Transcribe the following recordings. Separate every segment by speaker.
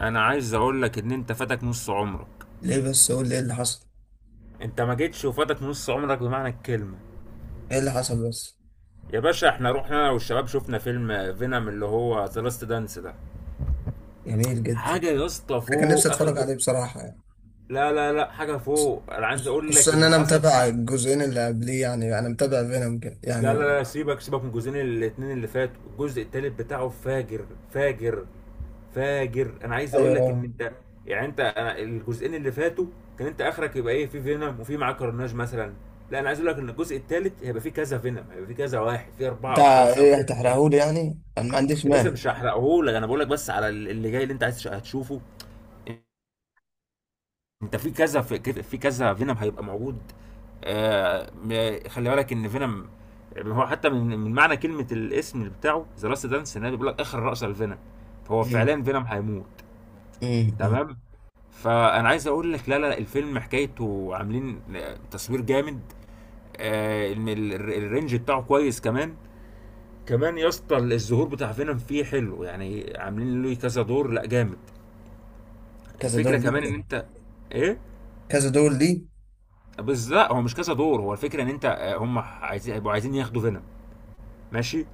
Speaker 1: انا عايز اقول لك ان انت فاتك نص عمرك.
Speaker 2: ليه بس؟ قول لي ايه اللي حصل.
Speaker 1: انت ما جيتش وفاتك نص عمرك بمعنى الكلمه.
Speaker 2: ايه اللي حصل بس؟
Speaker 1: يا باشا احنا رحنا انا والشباب شفنا فيلم فينوم اللي هو ذا لاست دانس ده.
Speaker 2: جميل جدا.
Speaker 1: حاجه يا اسطى
Speaker 2: انا كان نفسي
Speaker 1: فوق اخر
Speaker 2: اتفرج عليه بصراحة يعني.
Speaker 1: لا لا لا، حاجه
Speaker 2: بص-
Speaker 1: فوق. انا عايز اقول لك
Speaker 2: خصوصا ان
Speaker 1: ان
Speaker 2: انا
Speaker 1: حصل
Speaker 2: متابع
Speaker 1: فيه.
Speaker 2: الجزئين اللي قبليه، يعني انا متابع فينوم كده
Speaker 1: لا
Speaker 2: يعني.
Speaker 1: لا لا، سيبك سيبك من الجزئين الاتنين اللي فاتوا. الجزء التالت بتاعه فاجر فاجر فاجر. انا عايز اقول لك ان
Speaker 2: ايوه.
Speaker 1: انت يعني انت أنا الجزئين اللي فاتوا كان انت اخرك يبقى ايه؟ في فينوم وفي معاه كرناج مثلا. لا، انا عايز اقول لك ان الجزء الثالث هيبقى فيه كذا فينوم، هيبقى فيه كذا واحد، فيه اربعه او
Speaker 2: بتاع
Speaker 1: خمسه او
Speaker 2: ايه؟
Speaker 1: سته كمان.
Speaker 2: هتحرقهولي يعني؟ انا ما عنديش
Speaker 1: يا باشا
Speaker 2: مانع.
Speaker 1: مش هحرقه لك، انا بقول لك بس على اللي جاي اللي انت عايز هتشوفه. انت في كذا في كذا فينوم هيبقى موجود. آه خلي بالك ان فينوم، يعني هو حتى من معنى كلمه الاسم بتاعه ذا لاست دانس ان هو بيقول لك اخر رأس الفينوم. فهو
Speaker 2: أمم،
Speaker 1: فعليا فينوم هيموت.
Speaker 2: أمم، أمم.
Speaker 1: تمام. فانا عايز اقول لك، لا لا، الفيلم حكايته عاملين تصوير جامد. آه، ان الرينج بتاعه كويس كمان. كمان يا اسطى الظهور بتاع فينوم فيه حلو يعني، عاملين له كذا دور، لا جامد.
Speaker 2: كذا دور
Speaker 1: الفكره
Speaker 2: ليه
Speaker 1: كمان ان
Speaker 2: كده؟
Speaker 1: انت ايه
Speaker 2: كذا دور ليه؟
Speaker 1: بس، لا هو مش كذا دور، هو الفكره ان انت آه، هم عايزين، هيبقوا عايزين ياخدوا فينوم. ماشي.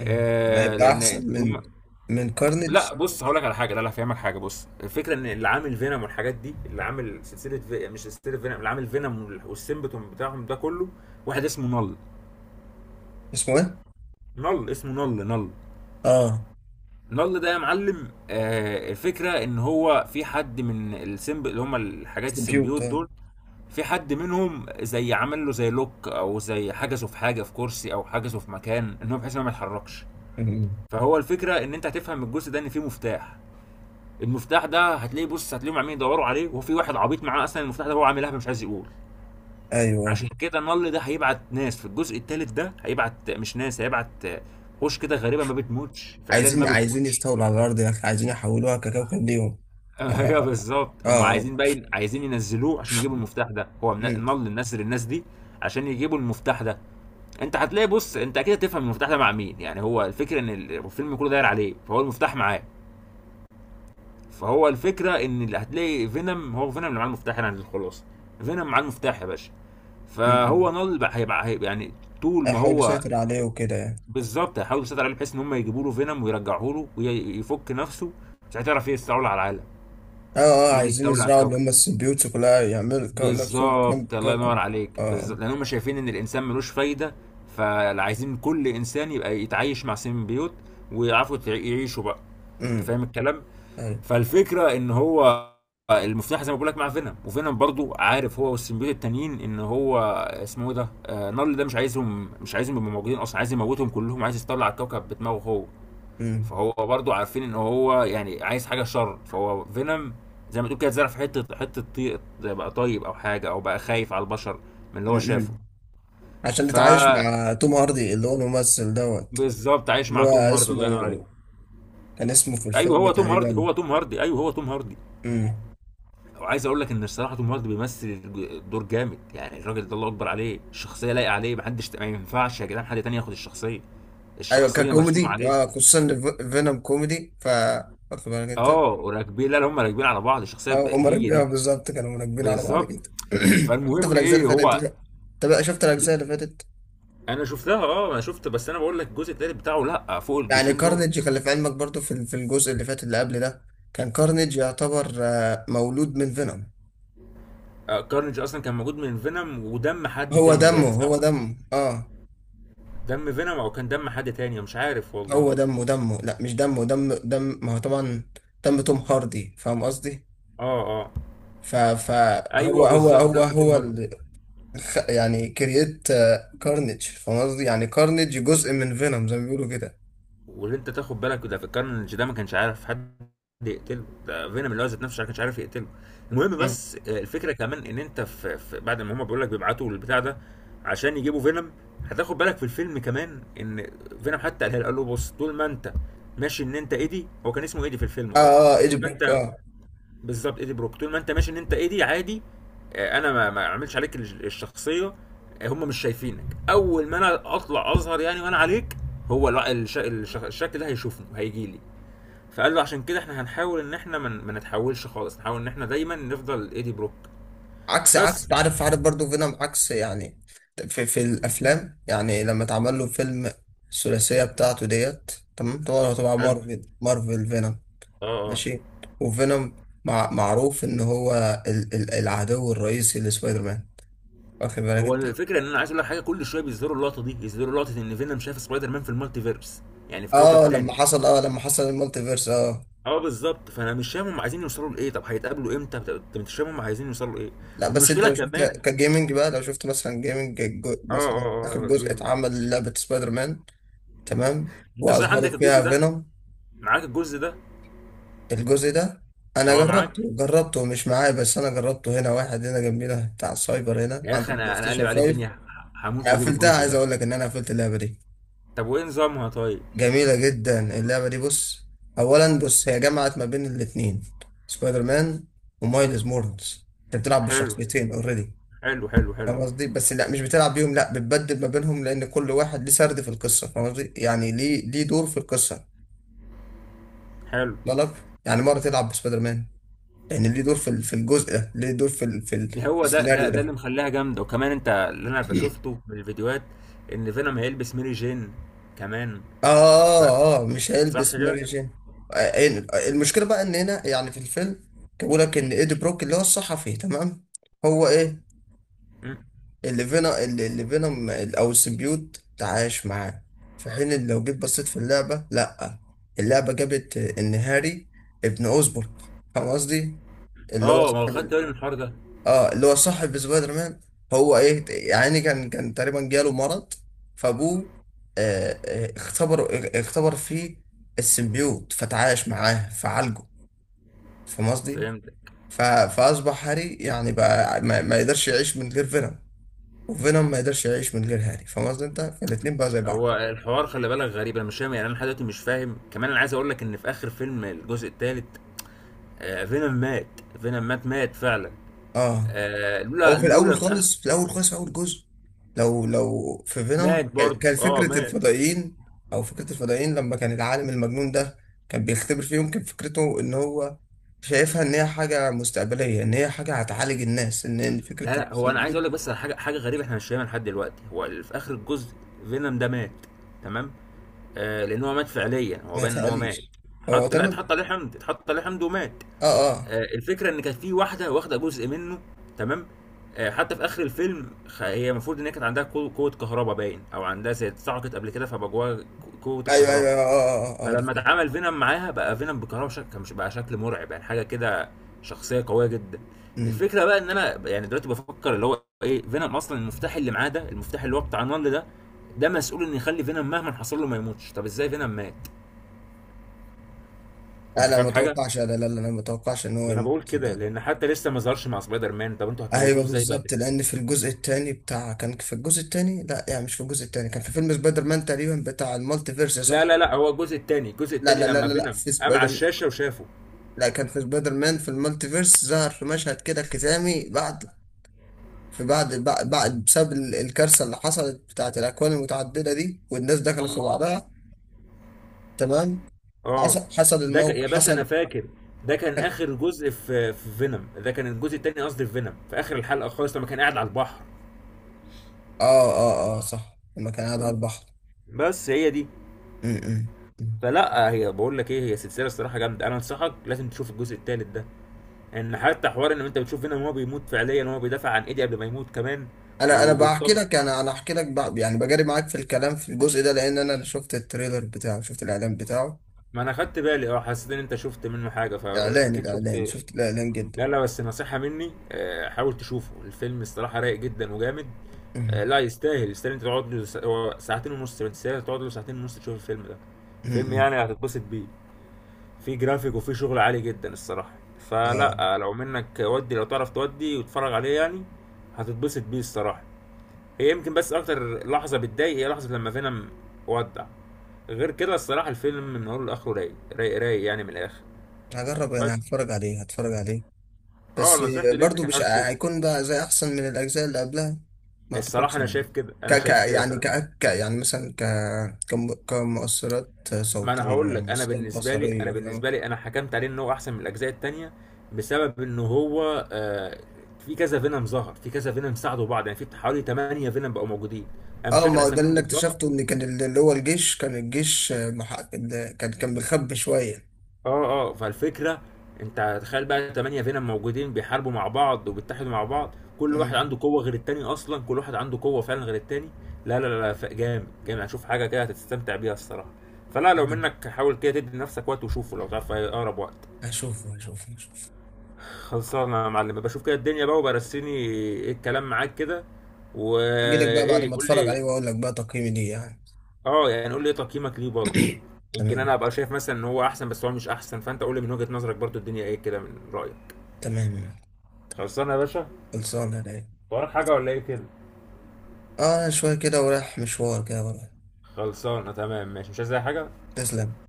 Speaker 2: أمم.
Speaker 1: آه
Speaker 2: هيبقى
Speaker 1: لان
Speaker 2: احسن
Speaker 1: هم.
Speaker 2: من كارنيج.
Speaker 1: لا بص، هقول لك على حاجه، لا لا، هفهمك حاجه. بص الفكره ان اللي عامل فينوم والحاجات دي اللي عامل مش سلسله، فينوم اللي عامل فينوم والسيمبتوم بتاعهم ده كله واحد اسمه نل.
Speaker 2: اسمه ايه؟
Speaker 1: نل، اسمه نل. نل،
Speaker 2: اه.
Speaker 1: نل ده يا معلم، آه الفكره ان هو في حد من السيمب اللي هم الحاجات
Speaker 2: سبيوت،
Speaker 1: السيمبيوت
Speaker 2: اه.
Speaker 1: دول، في حد منهم زي عمل له زي لوك او زي حجزه في حاجه، في كرسي او حجزه في مكان، ان هو بحيث ان هو ما يتحركش.
Speaker 2: أمم.
Speaker 1: فهو الفكره ان انت هتفهم من الجزء ده ان فيه مفتاح. المفتاح ده هتلاقيه، بص هتلاقيهم عاملين يدوروا عليه، وفي واحد عبيط معاه اصلا المفتاح ده، هو عامل لهبه مش عايز يقول.
Speaker 2: ايوه.
Speaker 1: عشان كده النل ده هيبعت ناس في الجزء الثالث ده، هيبعت مش ناس، هيبعت وش كده غريبه ما بتموتش فعليا، ما
Speaker 2: عايزين
Speaker 1: بتموتش.
Speaker 2: يستولوا على الارض يا اخي، عايزين يحولوها ككوكب ليهم.
Speaker 1: ايوه
Speaker 2: اه،
Speaker 1: بالظبط، هم
Speaker 2: اه.
Speaker 1: عايزين باين، عايزين ينزلوه عشان يجيبوا المفتاح ده. هو
Speaker 2: مم.
Speaker 1: النل نزل الناس دي عشان يجيبوا المفتاح ده. انت هتلاقي، بص انت اكيد هتفهم المفتاح ده مع مين. يعني هو الفكره ان الفيلم كله داير عليه، فهو المفتاح معاه. فهو الفكره ان اللي هتلاقي فينوم هو فينوم اللي معاه المفتاح، يعني الخلاصه فينوم معاه المفتاح يا باشا.
Speaker 2: مم.
Speaker 1: فهو هيبقى يعني طول ما
Speaker 2: احاول
Speaker 1: هو.
Speaker 2: اسيطر عليه وكده يعني.
Speaker 1: بالظبط، هيحاولوا يسيطروا عليه بحيث ان هم يجيبوا له فينوم ويرجعوه له ويفك نفسه، مش هتعرف يستولى على العالم،
Speaker 2: اه، اه،
Speaker 1: يجي
Speaker 2: عايزين
Speaker 1: يستولى على
Speaker 2: يزرعوا اللي
Speaker 1: الكوكب.
Speaker 2: هم السيمبيوتس كلها، يعملوا نفسهم كم
Speaker 1: بالظبط، الله ينور
Speaker 2: كوكب.
Speaker 1: عليك،
Speaker 2: اه.
Speaker 1: بالظبط لان هم شايفين ان الانسان ملوش فايده. فعايزين كل انسان يبقى يتعايش مع سيمبيوت ويعرفوا يعيشوا بقى. انت
Speaker 2: امم.
Speaker 1: فاهم الكلام.
Speaker 2: أيوة.
Speaker 1: فالفكره ان هو المفتاح زي ما بقول لك مع فينوم، وفينوم برضو عارف هو والسيمبيوت التانيين ان هو اسمه ايه ده، آه نارل ده، مش عايزهم، مش عايزهم يبقوا موجودين اصلا، عايز يموتهم كلهم، عايز يطلع الكوكب بدماغه هو.
Speaker 2: امم،
Speaker 1: فهو برضو عارفين ان هو يعني عايز حاجه شر. فهو فينوم زي ما تقول كده اتزرع في حته حته بقى طيب او حاجه، او بقى خايف على البشر من اللي هو شافه.
Speaker 2: امم. عشان
Speaker 1: ف
Speaker 2: نتعايش مع توم هاردي اللي هو الممثل دوت.
Speaker 1: بالظبط عايش
Speaker 2: اللي
Speaker 1: مع
Speaker 2: هو
Speaker 1: توم هاردي،
Speaker 2: اسمه،
Speaker 1: الله ينور عليك.
Speaker 2: كان اسمه في
Speaker 1: ايوه
Speaker 2: الفيلم
Speaker 1: هو توم هاردي،
Speaker 2: تقريبا.
Speaker 1: هو توم هاردي، ايوه هو توم هاردي.
Speaker 2: امم.
Speaker 1: وعايز اقول لك ان الصراحه توم هاردي بيمثل الدور جامد يعني. الراجل ده الله اكبر عليه، الشخصيه لايقه عليه، محدش، ما ينفعش يا جدعان حد تاني ياخد الشخصيه،
Speaker 2: ايوه،
Speaker 1: الشخصيه مرسومه
Speaker 2: ككوميدي، اه،
Speaker 1: عليه.
Speaker 2: خصوصا إن فينوم كوميدي. واخد بالك انت؟
Speaker 1: اه، وراكبين، لا لا هم راكبين على بعض، الشخصيه
Speaker 2: اه، هم
Speaker 1: هي
Speaker 2: راكبين،
Speaker 1: دي.
Speaker 2: بالظبط كانوا راكبين على بعض
Speaker 1: بالظبط.
Speaker 2: جدا. حتى في
Speaker 1: فالمهم
Speaker 2: الاجزاء اللي
Speaker 1: ايه
Speaker 2: فاتت انت
Speaker 1: هو.
Speaker 2: بقى. أنت بقى شفت
Speaker 1: ب-
Speaker 2: الاجزاء اللي فاتت؟
Speaker 1: انا شفتها اه، انا شفت، بس انا بقول لك الجزء التالت بتاعه لا، فوق
Speaker 2: يعني
Speaker 1: الجزئين دول.
Speaker 2: كارنيج كان في علمك برضو، في الجزء اللي فات اللي قبل ده؟ كان كارنيج يعتبر مولود من فينوم.
Speaker 1: آه، كارنج اصلا كان موجود من فينوم ودم حد
Speaker 2: هو
Speaker 1: تاني
Speaker 2: دمه،
Speaker 1: باين، صح؟
Speaker 2: هو دمه، اه.
Speaker 1: دم فينوم او كان دم حد تاني مش عارف
Speaker 2: هو
Speaker 1: والله.
Speaker 2: دمه لا، مش دمه، دم ما هو طبعا. دم توم هاردي، فاهم قصدي؟
Speaker 1: اه اه.
Speaker 2: فهو
Speaker 1: ايوه
Speaker 2: هو هو
Speaker 1: بالظبط
Speaker 2: هو
Speaker 1: دم توم
Speaker 2: هو
Speaker 1: هاردي.
Speaker 2: اللي يعني كرييت كارنيج، فاهم قصدي؟ يعني كارنيج جزء من فينوم زي ما بيقولوا كده.
Speaker 1: واللي انت تاخد بالك ده، في الكارنج ده ما كانش عارف حد يقتله، ده فينوم اللي هو ذات نفسه ما كانش عارف يقتله. المهم
Speaker 2: مم.
Speaker 1: بس، آه، الفكره كمان ان انت في بعد ما هم بيقول لك بيبعتوا البتاع ده عشان يجيبوا فينوم، هتاخد بالك في الفيلم كمان ان فينوم حتى قالها له، قال له بص طول ما انت ماشي ان انت ايدي، هو كان اسمه ايدي في الفيلم
Speaker 2: اه،
Speaker 1: اه.
Speaker 2: اه، ايجي
Speaker 1: طول ما انت،
Speaker 2: بروك، اه.
Speaker 1: بالظبط ايدي بروك، طول ما انت ماشي ان انت ايدي عادي. آه، انا ما اعملش عليك الشخصيه. آه، هم مش شايفينك، اول ما انا اطلع اظهر يعني وانا عليك، هو الع- الش... الش... الشكل ده هيشوفني هيجي لي. فقال له عشان كده احنا هنحاول ان احنا ما نتحولش خالص، نحاول ان احنا دايما نفضل ايدي بروك.
Speaker 2: عكس
Speaker 1: بس.
Speaker 2: عارف برضو فينوم عكس يعني في الافلام يعني، لما اتعمل له فيلم الثلاثيه بتاعته ديت. تمام، طبعا طبعا،
Speaker 1: حلو.
Speaker 2: مارفل فينوم،
Speaker 1: اه اه.
Speaker 2: ماشي. وفينوم، معروف ان هو ال ال العدو الرئيسي لسبايدر مان، واخد بالك
Speaker 1: هو
Speaker 2: انت؟
Speaker 1: الفكره ان انا عايز اقول لك حاجه، كل شويه بيظهروا اللقطه دي، يظهروا لقطه ان فينوم شاف سبايدر مان في المالتيفيرس، يعني في
Speaker 2: اه،
Speaker 1: كوكب تاني.
Speaker 2: لما حصل المالتي فيرس، اه.
Speaker 1: اه بالظبط، فانا مش فاهم هم عايزين يوصلوا لايه؟ طب هيتقابلوا امتى؟ طب انت مش فاهم هم عايزين يوصلوا لايه.
Speaker 2: لا، بس انت
Speaker 1: والمشكله
Speaker 2: لو شفت
Speaker 1: كمان.
Speaker 2: كجيمنج بقى، لو شفت مثلا جيمنج،
Speaker 1: اه اه
Speaker 2: مثلا اخر
Speaker 1: اه اه،
Speaker 2: جزء
Speaker 1: جامد.
Speaker 2: اتعمل لعبه سبايدر مان، تمام.
Speaker 1: انت صحيح
Speaker 2: واظهروا
Speaker 1: عندك الجزء
Speaker 2: فيها
Speaker 1: ده؟
Speaker 2: فينوم.
Speaker 1: معاك الجزء ده؟
Speaker 2: الجزء ده، انا
Speaker 1: اه معاك.
Speaker 2: جربته، مش معايا، بس انا جربته هنا، واحد هنا جنبينا بتاع السايبر، هنا
Speaker 1: يا
Speaker 2: عند
Speaker 1: اخي
Speaker 2: البلاي
Speaker 1: انا قلب
Speaker 2: ستيشن
Speaker 1: عليه
Speaker 2: 5.
Speaker 1: الدنيا،
Speaker 2: انا
Speaker 1: هموت واجيب
Speaker 2: قفلتها،
Speaker 1: الجزء
Speaker 2: عايز
Speaker 1: ده.
Speaker 2: اقول لك ان انا قفلت اللعبه دي.
Speaker 1: طب وايه نظامها طيب؟
Speaker 2: جميله جدا اللعبه دي، بص. اولا بص، هي جمعت ما بين الاثنين، سبايدر مان ومايلز مورنز. انت بتلعب
Speaker 1: حلو
Speaker 2: بالشخصيتين اوريدي،
Speaker 1: حلو حلو. حلو
Speaker 2: فاهم قصدي؟ بس لا، مش بتلعب بيهم، لا، بتبدل ما بينهم لان كل واحد ليه سرد في القصه، فاهم قصدي؟ يعني ليه دور في القصه،
Speaker 1: حلو.
Speaker 2: بالك، يعني مره تلعب بسبايدر مان لان ليه دور في في الجزء ده، ليه دور في في في
Speaker 1: هو ده ده
Speaker 2: السيناريو
Speaker 1: ده اللي
Speaker 2: ده.
Speaker 1: مخليها جامده. وكمان انت اللي انا شفته من الفيديوهات ان فينوم هيلبس ميري جين كمان.
Speaker 2: اه،
Speaker 1: ف-
Speaker 2: اه، مش
Speaker 1: صح
Speaker 2: هيلبس
Speaker 1: كده؟
Speaker 2: ماري جين. آه، المشكله بقى ان هنا يعني في الفيلم، كان بيقول لك ان ايدي بروك اللي هو الصحفي، تمام. هو ايه
Speaker 1: مم.
Speaker 2: اللي فينا، اللي فينوم او السيمبيوت تعايش معاه، في حين إن لو جيت بصيت في اللعبه، لا. اللعبه جابت ان هاري، ابن اوزبورغ، فاهم قصدي؟ اللي هو
Speaker 1: اه، ما هو خدت
Speaker 2: صاحب،
Speaker 1: بالي من الحوار ده.
Speaker 2: اه، اللي هو صاحب سبايدر مان. هو ايه؟ يعني إيه، كان تقريبا جاله مرض، فابوه، آه، آه، اختبر اختبر فيه السيمبيوت، فتعايش معاه فعالجه. فاهم قصدي؟
Speaker 1: فهمت.
Speaker 2: ف- فاصبح هاري، يعني بقى ما يقدرش يعيش من غير فينوم، وفينوم ما يقدرش يعيش من غير هاري، فاهم قصدي انت؟ فالاتنين بقى زي بعض.
Speaker 1: هو الحوار خلي بالك غريب، انا مش فاهم يعني، انا لحد دلوقتي مش فاهم كمان. انا عايز اقول لك ان في اخر فيلم الجزء الثالث، آه فينوم مات. فينوم مات، مات فعلا.
Speaker 2: اه،
Speaker 1: آه
Speaker 2: هو
Speaker 1: لولا
Speaker 2: في الاول
Speaker 1: لولا. آه
Speaker 2: خالص، في الاول خالص، في اول جزء لو في
Speaker 1: مات
Speaker 2: فينوم، كان
Speaker 1: برضه،
Speaker 2: كان
Speaker 1: اه
Speaker 2: فكره
Speaker 1: مات.
Speaker 2: الفضائيين، او فكره الفضائيين، لما كان العالم المجنون ده كان بيختبر فيهم، كان فكرته ان هو شايفها ان هي حاجه مستقبليه، ان هي حاجه هتعالج الناس، ان
Speaker 1: لا
Speaker 2: فكره
Speaker 1: لا، هو انا عايز
Speaker 2: السيمبيوت.
Speaker 1: اقول لك بس على حاجه، حاجه غريبه احنا مش فاهمها لحد دلوقتي. هو في اخر الجزء فينوم ده مات، تمام؟ آه لان هو مات فعليا، هو
Speaker 2: ما
Speaker 1: بان ان هو مات.
Speaker 2: تقليش. هو
Speaker 1: حط، لا
Speaker 2: تمام.
Speaker 1: اتحط عليه حمض، اتحط عليه حمض ومات.
Speaker 2: اه، اه،
Speaker 1: آه، الفكره ان كانت في واحده واخده جزء منه، تمام؟ آه، حتى في اخر الفيلم هي المفروض ان هي كانت عندها قوه، قوة كهرباء باين، او عندها زي اتسعقت قبل كده فبقى جواها قوه
Speaker 2: ايوه، ايوه،
Speaker 1: الكهرباء.
Speaker 2: اه، اه، اه، آه، عرفت.
Speaker 1: فلما اتعامل فينوم معاها بقى فينوم بالكهرباء، كان مش بقى شكل مرعب يعني، حاجه كده، شخصيه قويه جدا.
Speaker 2: أمم.
Speaker 1: الفكره بقى ان انا يعني دلوقتي بفكر اللي هو ايه فينوم، اصلا المفتاح اللي معاه ده، المفتاح اللي هو بتاع النمل ده، ده مسؤول ان يخلي فينوم مهما حصل له ما يموتش، طب ازاي فينوم مات؟
Speaker 2: لا،
Speaker 1: انت
Speaker 2: لا،
Speaker 1: فاهم
Speaker 2: ما
Speaker 1: حاجه؟
Speaker 2: توقعش، لا، لا، لا، لا، ما توقعش ان هو
Speaker 1: ما انا
Speaker 2: يموت
Speaker 1: بقول كده
Speaker 2: ده.
Speaker 1: لان حتى لسه ما ظهرش مع سبايدر مان، طب انتوا هتموتوه
Speaker 2: ايوه،
Speaker 1: ازاي بقى؟
Speaker 2: بالظبط، لان في الجزء الثاني بتاع، كان في الجزء الثاني، لا يعني مش في الجزء الثاني، كان في فيلم سبايدر مان تقريبا بتاع المالتي فيرس، صح؟
Speaker 1: لا لا لا، هو الجزء التاني، الجزء
Speaker 2: لا،
Speaker 1: التاني
Speaker 2: لا، لا،
Speaker 1: لما
Speaker 2: لا، لا،
Speaker 1: فينوم
Speaker 2: في
Speaker 1: قام على
Speaker 2: سبايدر،
Speaker 1: الشاشه وشافه.
Speaker 2: لا، كان في سبايدر مان في المالتي فيرس، ظهر في مشهد كده ختامي بعد، في بعد، بسبب الكارثه اللي حصلت بتاعت الاكوان المتعدده دي والناس دخلت في
Speaker 1: اه.
Speaker 2: الله بعضها، تمام.
Speaker 1: آه.
Speaker 2: حصل حصل
Speaker 1: ده يا
Speaker 2: الموقف
Speaker 1: باشا انا
Speaker 2: حصل.
Speaker 1: فاكر، ده كان اخر جزء في فينوم، ده كان الجزء التاني، قصدي في فينوم في اخر الحلقه خالص لما كان قاعد على البحر.
Speaker 2: اه، اه، اه، صح، لما كان قاعد على البحر.
Speaker 1: بس هي دي.
Speaker 2: م- م- م.
Speaker 1: فلا، هي بقول لك ايه، هي سلسله الصراحه جامده، انا انصحك لازم تشوف الجزء التالت ده، ان حتى حوار ان انت بتشوف فينوم وهو بيموت فعليا وهو بيدافع عن ايدي قبل ما يموت كمان،
Speaker 2: انا بحكي
Speaker 1: وبيطمن.
Speaker 2: لك، انا احكي لك بقى، يعني بجري معاك في الكلام في الجزء ده لان انا شفت التريلر بتاعه، شفت الاعلان بتاعه.
Speaker 1: ما انا خدت بالي اه، حسيت ان انت شفت منه حاجه فاكيد شفت.
Speaker 2: الاعلان، شفت الاعلان جدا.
Speaker 1: لا لا، بس نصيحه مني آه، حاول تشوفه. الفيلم الصراحه رايق جدا وجامد.
Speaker 2: أمم،
Speaker 1: آه، لا يستاهل، يستاهل انت تقعد له هو ساعتين ونص، ما تستاهل تقعد له ساعتين ونص تشوف الفيلم ده. فيلم
Speaker 2: أمم.
Speaker 1: يعني هتتبسط بيه، في جرافيك وفي شغل عالي جدا الصراحه.
Speaker 2: اه،
Speaker 1: فلا آه، لو منك ودي لو تعرف تودي وتتفرج عليه يعني. هتتبسط بيه الصراحه. هي يمكن بس اكتر لحظه بتضايق هي لحظه لما فينوم ودع. غير كده الصراحه الفيلم من اوله لاخره رايق رايق رايق يعني من الاخر.
Speaker 2: هجرب، انا
Speaker 1: بس
Speaker 2: هتفرج عليه، هتفرج عليه
Speaker 1: اه،
Speaker 2: بس.
Speaker 1: نصيحتي
Speaker 2: برضو
Speaker 1: ليك
Speaker 2: مش
Speaker 1: حاول تشوفه.
Speaker 2: هيكون بقى زي احسن من الاجزاء اللي قبلها؟ ما
Speaker 1: الصراحه
Speaker 2: اعتقدش
Speaker 1: انا
Speaker 2: يعني.
Speaker 1: شايف كده،
Speaker 2: ك
Speaker 1: انا
Speaker 2: ك
Speaker 1: شايف كده
Speaker 2: يعني
Speaker 1: فعلا.
Speaker 2: ك ك يعني مثلا كمؤثرات
Speaker 1: ما انا
Speaker 2: صوتية،
Speaker 1: هقول لك، انا
Speaker 2: مؤثرات
Speaker 1: بالنسبه لي انا
Speaker 2: بصرية، فاهم؟
Speaker 1: بالنسبه لي انا حكمت عليه ان هو احسن من الاجزاء التانية بسبب ان هو آه في كذا فينوم ظهر، في كذا فينوم ساعدوا بعض، يعني في حوالي 8 فينوم بقوا موجودين، انا مش
Speaker 2: اه، ما
Speaker 1: فاكر
Speaker 2: هو ده اللي
Speaker 1: اساميهم
Speaker 2: أنا
Speaker 1: بالظبط.
Speaker 2: اكتشفته، ان كان اللي هو الجيش، كان الجيش، آه، كان مخبي شويه.
Speaker 1: اه اه، فالفكره، انت تخيل بقى تمانية فينوم موجودين بيحاربوا مع بعض وبيتحدوا مع بعض، كل واحد
Speaker 2: مم.
Speaker 1: عنده قوه غير التاني، اصلا كل واحد عنده قوه فعلا غير التاني. لا لا لا لا، جامد جامد، هشوف حاجه كده هتستمتع بيها الصراحه. فلا لو
Speaker 2: مم.
Speaker 1: منك حاول كده تدي لنفسك وقت وشوفه لو تعرف في اقرب وقت.
Speaker 2: هشوفه، هشوفه، هشوفه.
Speaker 1: خلصانه يا معلم، بشوف كده الدنيا بقى، وبرسيني ايه الكلام معاك كده.
Speaker 2: اجي لك بقى بعد
Speaker 1: وايه
Speaker 2: ما
Speaker 1: قول
Speaker 2: اتفرج عليه،
Speaker 1: لي.
Speaker 2: واقول لك بقى تقييمي ليه، يعني.
Speaker 1: اه يعني قول لي ايه تقييمك ليه برضه. يمكن انا
Speaker 2: تمام.
Speaker 1: ابقى شايف مثلا ان هو احسن بس هو مش احسن، فانت قول لي من وجهة نظرك برضه الدنيا ايه كده من رايك.
Speaker 2: تمام،
Speaker 1: خلصانه يا باشا.
Speaker 2: خلصانه يا رايق.
Speaker 1: وراك حاجة ولا ايه كده؟
Speaker 2: اه، شويه كده ورايح مشوار كده ورايح.
Speaker 1: خلصانة، تمام ماشي، مش عايز أي حاجة؟
Speaker 2: تسلم.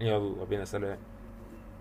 Speaker 1: يلا بينا، سلام.